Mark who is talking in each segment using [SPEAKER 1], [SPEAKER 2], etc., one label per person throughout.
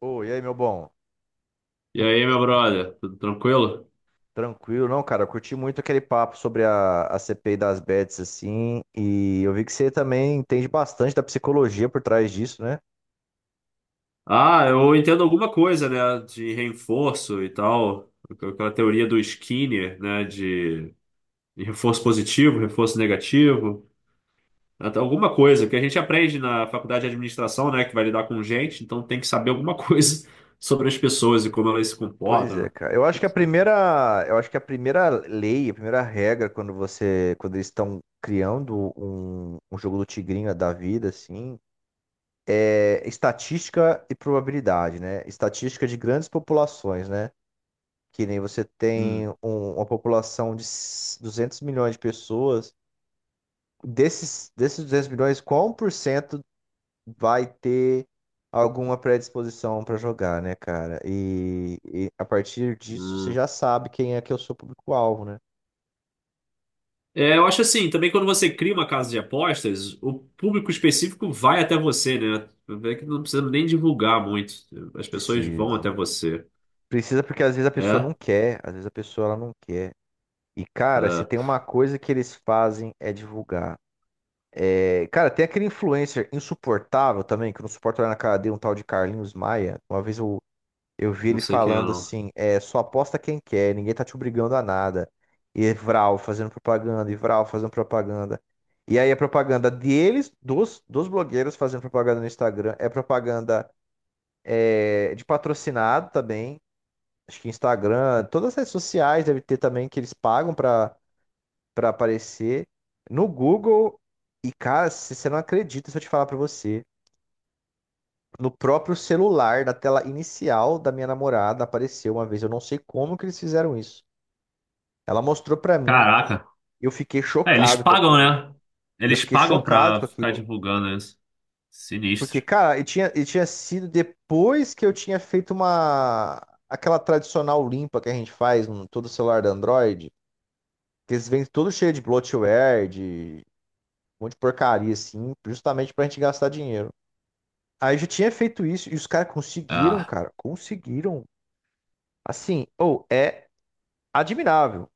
[SPEAKER 1] Ô, e aí, meu bom?
[SPEAKER 2] E aí, meu brother, tudo tranquilo?
[SPEAKER 1] Tranquilo, não, cara? Eu curti muito aquele papo sobre a CPI das bets, assim, e eu vi que você também entende bastante da psicologia por trás disso, né?
[SPEAKER 2] Ah, eu entendo alguma coisa, né, de reforço e tal, aquela teoria do Skinner, né, de reforço positivo, reforço negativo, até alguma coisa que a gente aprende na faculdade de administração, né, que vai lidar com gente, então tem que saber alguma coisa sobre as pessoas e como elas se
[SPEAKER 1] Pois
[SPEAKER 2] comportam,
[SPEAKER 1] é,
[SPEAKER 2] né,
[SPEAKER 1] cara.
[SPEAKER 2] etc.
[SPEAKER 1] Eu acho que a primeira lei, a primeira regra quando eles estão criando um jogo do tigrinho da vida, assim, é estatística e probabilidade, né? Estatística de grandes populações, né? Que nem você tem
[SPEAKER 2] Hum,
[SPEAKER 1] uma população de 200 milhões de pessoas. Desses 200 milhões, qual 1% vai ter alguma predisposição para jogar, né, cara? E a partir disso você
[SPEAKER 2] hum.
[SPEAKER 1] já sabe quem é que é o seu público-alvo, né?
[SPEAKER 2] É, eu acho assim, também quando você cria uma casa de apostas, o público específico vai até você, né? É que não precisa nem divulgar muito. As pessoas vão até
[SPEAKER 1] Precisa.
[SPEAKER 2] você.
[SPEAKER 1] Precisa porque às vezes a pessoa não
[SPEAKER 2] É,
[SPEAKER 1] quer, às vezes a pessoa ela não quer. E, cara, se
[SPEAKER 2] é,
[SPEAKER 1] tem uma coisa que eles fazem é divulgar. É, cara, tem aquele influencer insuportável também, que eu não suporto olhar na cara dele, um tal de Carlinhos Maia. Uma vez eu vi
[SPEAKER 2] não
[SPEAKER 1] ele
[SPEAKER 2] sei quem é,
[SPEAKER 1] falando
[SPEAKER 2] não.
[SPEAKER 1] assim, é, só aposta quem quer, ninguém tá te obrigando a nada. E Vral fazendo propaganda, e Vral fazendo propaganda. E aí a propaganda deles, dos blogueiros fazendo propaganda no Instagram, é propaganda, é, de patrocinado também. Acho que Instagram, todas as redes sociais deve ter também que eles pagam pra aparecer. No Google, e cara, se você não acredita se eu te falar pra você. No próprio celular, da tela inicial da minha namorada, apareceu uma vez. Eu não sei como que eles fizeram isso. Ela mostrou pra mim.
[SPEAKER 2] Caraca.
[SPEAKER 1] Eu fiquei
[SPEAKER 2] É, eles
[SPEAKER 1] chocado com
[SPEAKER 2] pagam,
[SPEAKER 1] aquilo.
[SPEAKER 2] né?
[SPEAKER 1] Eu
[SPEAKER 2] Eles
[SPEAKER 1] fiquei
[SPEAKER 2] pagam
[SPEAKER 1] chocado com
[SPEAKER 2] pra ficar
[SPEAKER 1] aquilo.
[SPEAKER 2] divulgando isso.
[SPEAKER 1] Porque,
[SPEAKER 2] Sinistro.
[SPEAKER 1] cara, e tinha sido depois que eu tinha feito uma... Aquela tradicional limpa que a gente faz em todo celular da Android. Que eles vêm todo cheio de bloatware, de um monte de porcaria, assim. Justamente pra gente gastar dinheiro. Aí eu já tinha feito isso. E os caras conseguiram,
[SPEAKER 2] Ah,
[SPEAKER 1] cara. Conseguiram. Assim, ou é admirável,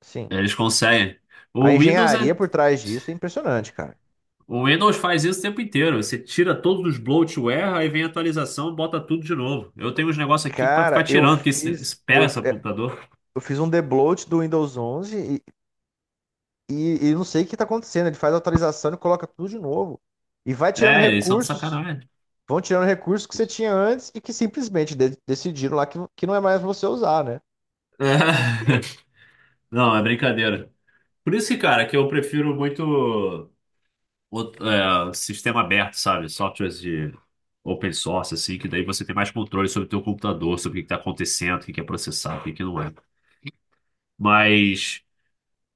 [SPEAKER 1] sim.
[SPEAKER 2] eles conseguem.
[SPEAKER 1] A
[SPEAKER 2] O Windows
[SPEAKER 1] engenharia
[SPEAKER 2] é.
[SPEAKER 1] por trás disso é impressionante, cara.
[SPEAKER 2] O Windows faz isso o tempo inteiro. Você tira todos os bloatware, aí vem a atualização, bota tudo de novo. Eu tenho uns negócios aqui que vai ficar
[SPEAKER 1] Cara,
[SPEAKER 2] tirando, porque isso, isso pega essa computadora.
[SPEAKER 1] eu fiz um debloat do Windows 11 e não sei o que tá acontecendo. Ele faz a atualização e coloca tudo de novo. E
[SPEAKER 2] É, eles são de sacanagem.
[SPEAKER 1] vão tirando recursos que você tinha antes e que simplesmente decidiram lá que não é mais você usar, né?
[SPEAKER 2] Não, é brincadeira. Por isso que, cara, que eu prefiro muito o- é, sistema aberto, sabe? Softwares de open source, assim, que daí você tem mais controle sobre o teu computador, sobre o que está acontecendo, o que que é processado, o que que não é. Mas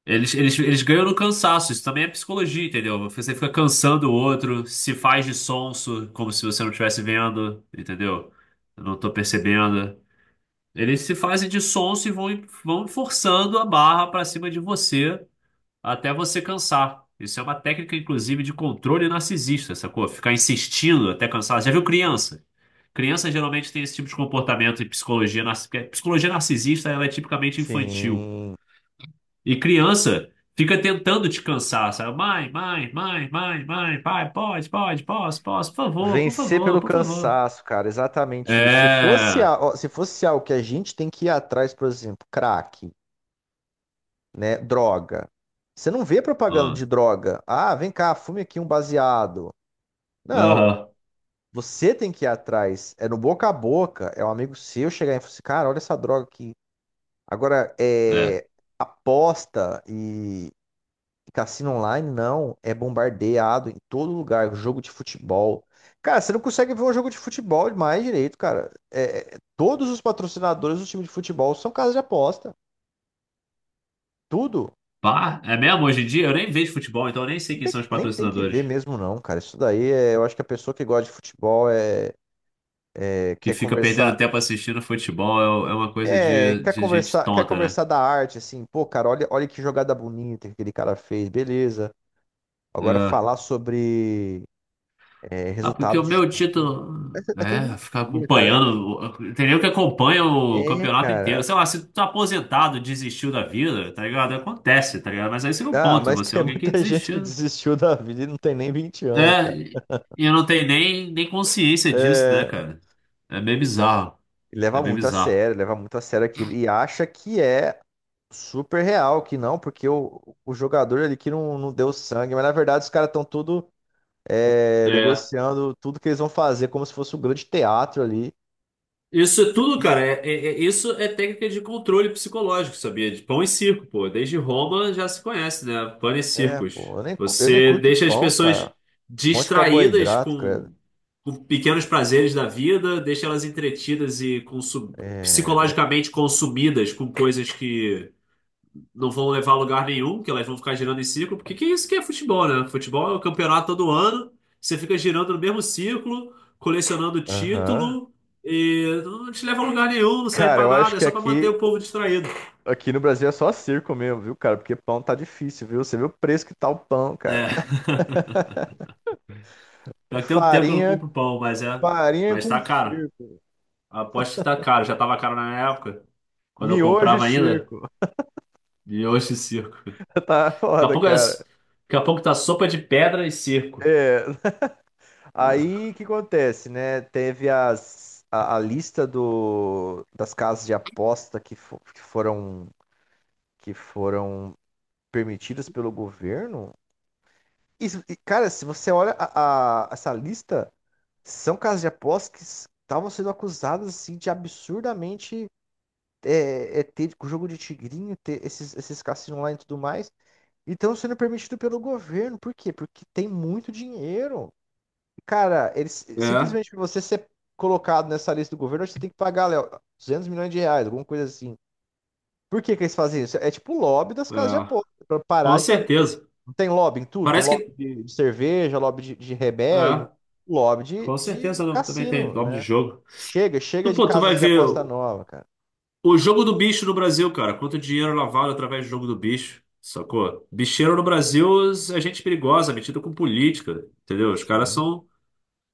[SPEAKER 2] eles ganham no cansaço, isso também é psicologia, entendeu? Você fica cansando o outro, se faz de sonso, como se você não estivesse vendo, entendeu? Eu não tô percebendo. Eles se fazem de sonso e vão forçando a barra para cima de você até você cansar. Isso é uma técnica, inclusive, de controle narcisista, sacou? Ficar insistindo até cansar. Já viu criança? Criança geralmente tem esse tipo de comportamento em psicologia narcisista. Psicologia narcisista, ela é tipicamente infantil.
[SPEAKER 1] Sim.
[SPEAKER 2] E criança fica tentando te cansar, sabe? Mãe, mãe, mãe, mãe, mãe, pai, pode, pode, posso, posso, por favor, por
[SPEAKER 1] Vencer
[SPEAKER 2] favor,
[SPEAKER 1] pelo
[SPEAKER 2] por favor.
[SPEAKER 1] cansaço, cara, exatamente isso. Se fosse,
[SPEAKER 2] É.
[SPEAKER 1] a- ó, se fosse algo que a gente tem que ir atrás, por exemplo, crack, né? Droga. Você não vê propaganda
[SPEAKER 2] Ah.
[SPEAKER 1] de droga. Ah, vem cá, fume aqui um baseado. Não.
[SPEAKER 2] Aham.
[SPEAKER 1] Você tem que ir atrás. É no boca a boca. É um amigo seu chegar e falar assim, cara, olha essa droga aqui. Agora,
[SPEAKER 2] É.
[SPEAKER 1] é aposta e cassino online, não. É bombardeado em todo lugar. Jogo de futebol. Cara, você não consegue ver um jogo de futebol mais direito, cara. Todos os patrocinadores do time de futebol são casas de aposta. Tudo.
[SPEAKER 2] Pá, é mesmo? Hoje em dia eu nem vejo futebol, então eu nem sei
[SPEAKER 1] Nem
[SPEAKER 2] quem
[SPEAKER 1] tem
[SPEAKER 2] são
[SPEAKER 1] que
[SPEAKER 2] os
[SPEAKER 1] nem tem que ver
[SPEAKER 2] patrocinadores.
[SPEAKER 1] mesmo, não, cara. Isso daí eu acho que a pessoa que gosta de futebol quer
[SPEAKER 2] Que fica perdendo
[SPEAKER 1] conversar,
[SPEAKER 2] tempo assistindo futebol é uma coisa
[SPEAKER 1] quer
[SPEAKER 2] de gente
[SPEAKER 1] conversar, quer
[SPEAKER 2] tonta, né?
[SPEAKER 1] conversar da arte, assim, pô, cara, olha, olha que jogada bonita que aquele cara fez, beleza. Agora
[SPEAKER 2] É.
[SPEAKER 1] falar sobre
[SPEAKER 2] Ah, porque
[SPEAKER 1] resultado
[SPEAKER 2] o
[SPEAKER 1] de
[SPEAKER 2] meu
[SPEAKER 1] jogo.
[SPEAKER 2] título
[SPEAKER 1] É tudo
[SPEAKER 2] é ficar
[SPEAKER 1] mentira, cara.
[SPEAKER 2] acompanhando. Tem nem que acompanha o
[SPEAKER 1] É,
[SPEAKER 2] campeonato inteiro.
[SPEAKER 1] cara.
[SPEAKER 2] Sei lá, se tu tá aposentado, desistiu da vida, tá ligado? Acontece, tá ligado? Mas aí você não
[SPEAKER 1] Ah,
[SPEAKER 2] ponto,
[SPEAKER 1] mas
[SPEAKER 2] você é
[SPEAKER 1] tem
[SPEAKER 2] alguém que
[SPEAKER 1] muita gente que
[SPEAKER 2] desistiu.
[SPEAKER 1] desistiu da vida e não tem nem 20 anos, cara.
[SPEAKER 2] É, e eu não tenho nem consciência disso, né,
[SPEAKER 1] É,
[SPEAKER 2] cara? É meio bizarro. É
[SPEAKER 1] leva
[SPEAKER 2] meio
[SPEAKER 1] muito a
[SPEAKER 2] bizarro.
[SPEAKER 1] sério, leva muito a sério aquilo. E acha que é super real que não, porque o jogador ali que não, não deu sangue, mas na verdade os caras estão tudo
[SPEAKER 2] É.
[SPEAKER 1] negociando tudo que eles vão fazer como se fosse um grande teatro ali.
[SPEAKER 2] Isso é tudo,
[SPEAKER 1] E
[SPEAKER 2] cara.
[SPEAKER 1] é,
[SPEAKER 2] Isso é técnica de controle psicológico, sabia? De pão e circo, pô. Desde Roma já se conhece, né? Pão e circos.
[SPEAKER 1] Pô, eu nem
[SPEAKER 2] Você
[SPEAKER 1] curto
[SPEAKER 2] deixa as
[SPEAKER 1] pão,
[SPEAKER 2] pessoas
[SPEAKER 1] cara. Um monte de
[SPEAKER 2] distraídas
[SPEAKER 1] carboidrato, credo.
[SPEAKER 2] com pequenos prazeres da vida, deixa elas entretidas e
[SPEAKER 1] É, mas,
[SPEAKER 2] psicologicamente consumidas com coisas que não vão levar a lugar nenhum, porque elas vão ficar girando em círculo, porque que isso que é futebol, né? Futebol é o campeonato todo ano, você fica girando no mesmo círculo, colecionando
[SPEAKER 1] aham.
[SPEAKER 2] título, e não te leva a lugar nenhum, não serve
[SPEAKER 1] Cara,
[SPEAKER 2] pra
[SPEAKER 1] eu acho
[SPEAKER 2] nada, é
[SPEAKER 1] que
[SPEAKER 2] só pra manter
[SPEAKER 1] aqui,
[SPEAKER 2] o povo distraído.
[SPEAKER 1] aqui no Brasil é só circo mesmo, viu, cara? Porque pão tá difícil, viu? Você viu o preço que tá o pão,
[SPEAKER 2] É.
[SPEAKER 1] cara.
[SPEAKER 2] Já tem um tempo que eu não
[SPEAKER 1] Farinha,
[SPEAKER 2] compro pão, mas é.
[SPEAKER 1] farinha
[SPEAKER 2] Mas
[SPEAKER 1] com
[SPEAKER 2] tá caro.
[SPEAKER 1] circo.
[SPEAKER 2] Aposto que tá caro. Já tava caro na minha época, quando eu
[SPEAKER 1] Miojo e
[SPEAKER 2] comprava ainda,
[SPEAKER 1] circo.
[SPEAKER 2] e hoje circo. Daqui
[SPEAKER 1] Tá
[SPEAKER 2] a
[SPEAKER 1] foda,
[SPEAKER 2] pouco, é...
[SPEAKER 1] cara.
[SPEAKER 2] Daqui a pouco tá sopa de pedra e circo.
[SPEAKER 1] É, aí o que acontece, né? Teve a lista das casas de aposta que foram permitidas pelo governo. Isso, e, cara, se você olha essa lista, são casas de aposta que estavam sendo acusadas assim de absurdamente ter jogo de tigrinho, ter esses cassinos online e tudo mais, e estão sendo permitidos pelo governo. Por quê? Porque tem muito dinheiro. Cara, eles,
[SPEAKER 2] É,
[SPEAKER 1] simplesmente pra você ser colocado nessa lista do governo, você tem que pagar, Léo, 200 milhões de reais, alguma coisa assim. Por que que eles fazem isso? É tipo o lobby das casas de
[SPEAKER 2] é.
[SPEAKER 1] aposta, pra
[SPEAKER 2] Com
[SPEAKER 1] parar de também.
[SPEAKER 2] certeza.
[SPEAKER 1] Tem lobby em tudo, tem
[SPEAKER 2] Parece
[SPEAKER 1] lobby
[SPEAKER 2] que
[SPEAKER 1] de cerveja, lobby de
[SPEAKER 2] é,
[SPEAKER 1] remédio, lobby de,
[SPEAKER 2] com
[SPEAKER 1] de
[SPEAKER 2] certeza não- também tem
[SPEAKER 1] cassino,
[SPEAKER 2] nome de
[SPEAKER 1] né?
[SPEAKER 2] jogo.
[SPEAKER 1] Chega, chega
[SPEAKER 2] Tu,
[SPEAKER 1] de
[SPEAKER 2] pô, tu vai
[SPEAKER 1] casas de
[SPEAKER 2] ver
[SPEAKER 1] aposta nova, cara.
[SPEAKER 2] o jogo do bicho no Brasil, cara. Quanto dinheiro lavado através do jogo do bicho, sacou? Bicheiro no Brasil é gente perigosa, metida com política, entendeu? Os caras
[SPEAKER 1] Sim,
[SPEAKER 2] são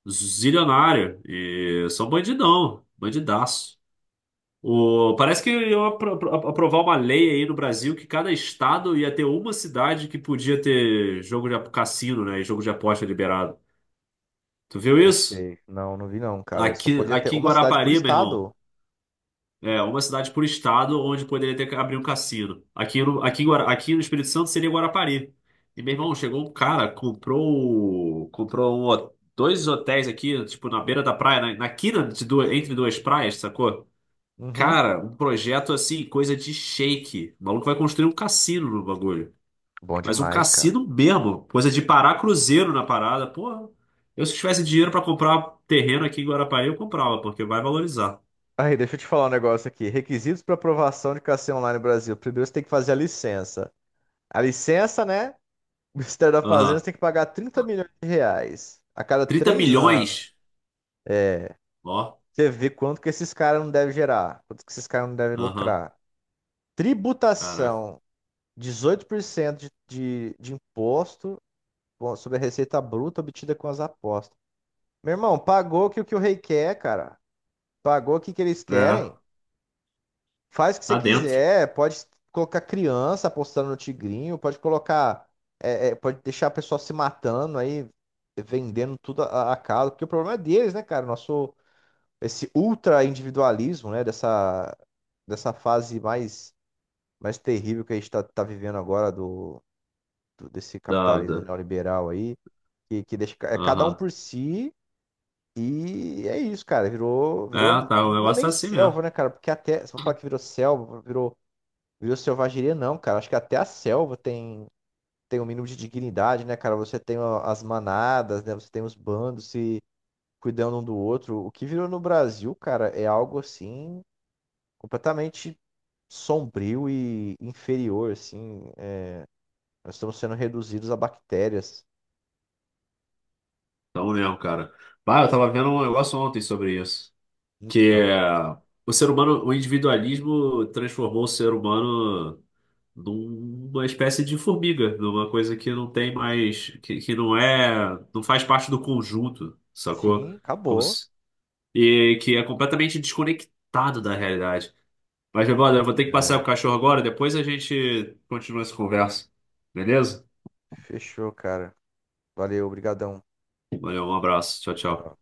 [SPEAKER 2] zilionários e são bandidão, bandidaço. O, parece que iam aprovar uma lei aí no Brasil que cada estado ia ter uma cidade que podia ter jogo de cassino, né? E jogo de aposta liberado. Tu viu
[SPEAKER 1] não
[SPEAKER 2] isso?
[SPEAKER 1] sei. Não, não vi não, cara. Só
[SPEAKER 2] Aqui,
[SPEAKER 1] podia ter
[SPEAKER 2] aqui em
[SPEAKER 1] uma cidade por
[SPEAKER 2] Guarapari, meu irmão.
[SPEAKER 1] estado.
[SPEAKER 2] É, uma cidade por estado onde poderia ter que abrir um cassino. Aqui no, aqui, em aqui no Espírito Santo seria Guarapari. E meu irmão, chegou um cara, comprou um dois hotéis aqui, tipo, na beira da praia, na, na quina de duas, entre duas praias, sacou?
[SPEAKER 1] Uhum.
[SPEAKER 2] Cara, um projeto assim, coisa de shake. O maluco vai construir um cassino no bagulho.
[SPEAKER 1] Bom
[SPEAKER 2] Mas um
[SPEAKER 1] demais, cara.
[SPEAKER 2] cassino mesmo, coisa de parar cruzeiro na parada. Porra, eu se tivesse dinheiro pra comprar terreno aqui em Guarapari, eu comprava, porque vai valorizar.
[SPEAKER 1] Aí, deixa eu te falar um negócio aqui. Requisitos para aprovação de KC Online no Brasil. Primeiro você tem que fazer a licença. A licença, né? O Ministério da Fazenda você
[SPEAKER 2] Aham.
[SPEAKER 1] tem que pagar 30 milhões de reais a cada
[SPEAKER 2] 30
[SPEAKER 1] 3 anos.
[SPEAKER 2] milhões? Ó,
[SPEAKER 1] Você vê quanto que esses caras não devem gerar, quanto que esses caras não devem
[SPEAKER 2] aham,
[SPEAKER 1] lucrar.
[SPEAKER 2] caraca.
[SPEAKER 1] Tributação, 18% de imposto bom, sobre a receita bruta obtida com as apostas. Meu irmão, pagou que o rei quer, cara. Pagou o que que eles
[SPEAKER 2] É,
[SPEAKER 1] querem. Faz o que você
[SPEAKER 2] tá dentro
[SPEAKER 1] quiser, pode colocar criança apostando no tigrinho, pode colocar, é, é, pode deixar a pessoa se matando aí, vendendo tudo a calo, porque o problema é deles, né, cara? Nosso, esse ultra individualismo, né, dessa fase mais terrível que a gente tá vivendo agora desse
[SPEAKER 2] da,
[SPEAKER 1] capitalismo
[SPEAKER 2] da-
[SPEAKER 1] neoliberal aí, que deixa, é cada um
[SPEAKER 2] aham.
[SPEAKER 1] por si. E é isso, cara. Virou,
[SPEAKER 2] É,
[SPEAKER 1] virou.
[SPEAKER 2] tá, o
[SPEAKER 1] Não é
[SPEAKER 2] negócio
[SPEAKER 1] nem
[SPEAKER 2] tá assim mesmo.
[SPEAKER 1] selva, né, cara? Porque até. Se eu falar que virou selva, virou viva selvageria não, cara. Acho que até a selva tem um mínimo de dignidade, né, cara? Você tem ó, as manadas, né? Você tem os bandos se cuidando um do outro. O que virou no Brasil, cara, é algo assim completamente sombrio e inferior, assim. É, nós estamos sendo reduzidos a bactérias.
[SPEAKER 2] Tá mesmo, cara. Bah, eu tava vendo um negócio ontem sobre isso. Que
[SPEAKER 1] Então,
[SPEAKER 2] é,
[SPEAKER 1] cara.
[SPEAKER 2] o ser humano, o individualismo transformou o ser humano numa espécie de formiga, numa coisa que não tem mais, que não é, não faz parte do conjunto, sacou?
[SPEAKER 1] Sim,
[SPEAKER 2] Como
[SPEAKER 1] acabou.
[SPEAKER 2] se- E que é completamente desconectado da realidade. Mas, meu brother, eu vou ter que passar o
[SPEAKER 1] É.
[SPEAKER 2] cachorro agora, depois a gente continua essa conversa. Beleza?
[SPEAKER 1] Fechou, cara. Valeu, obrigadão.
[SPEAKER 2] Valeu, um abraço. Tchau, tchau.
[SPEAKER 1] Tchau.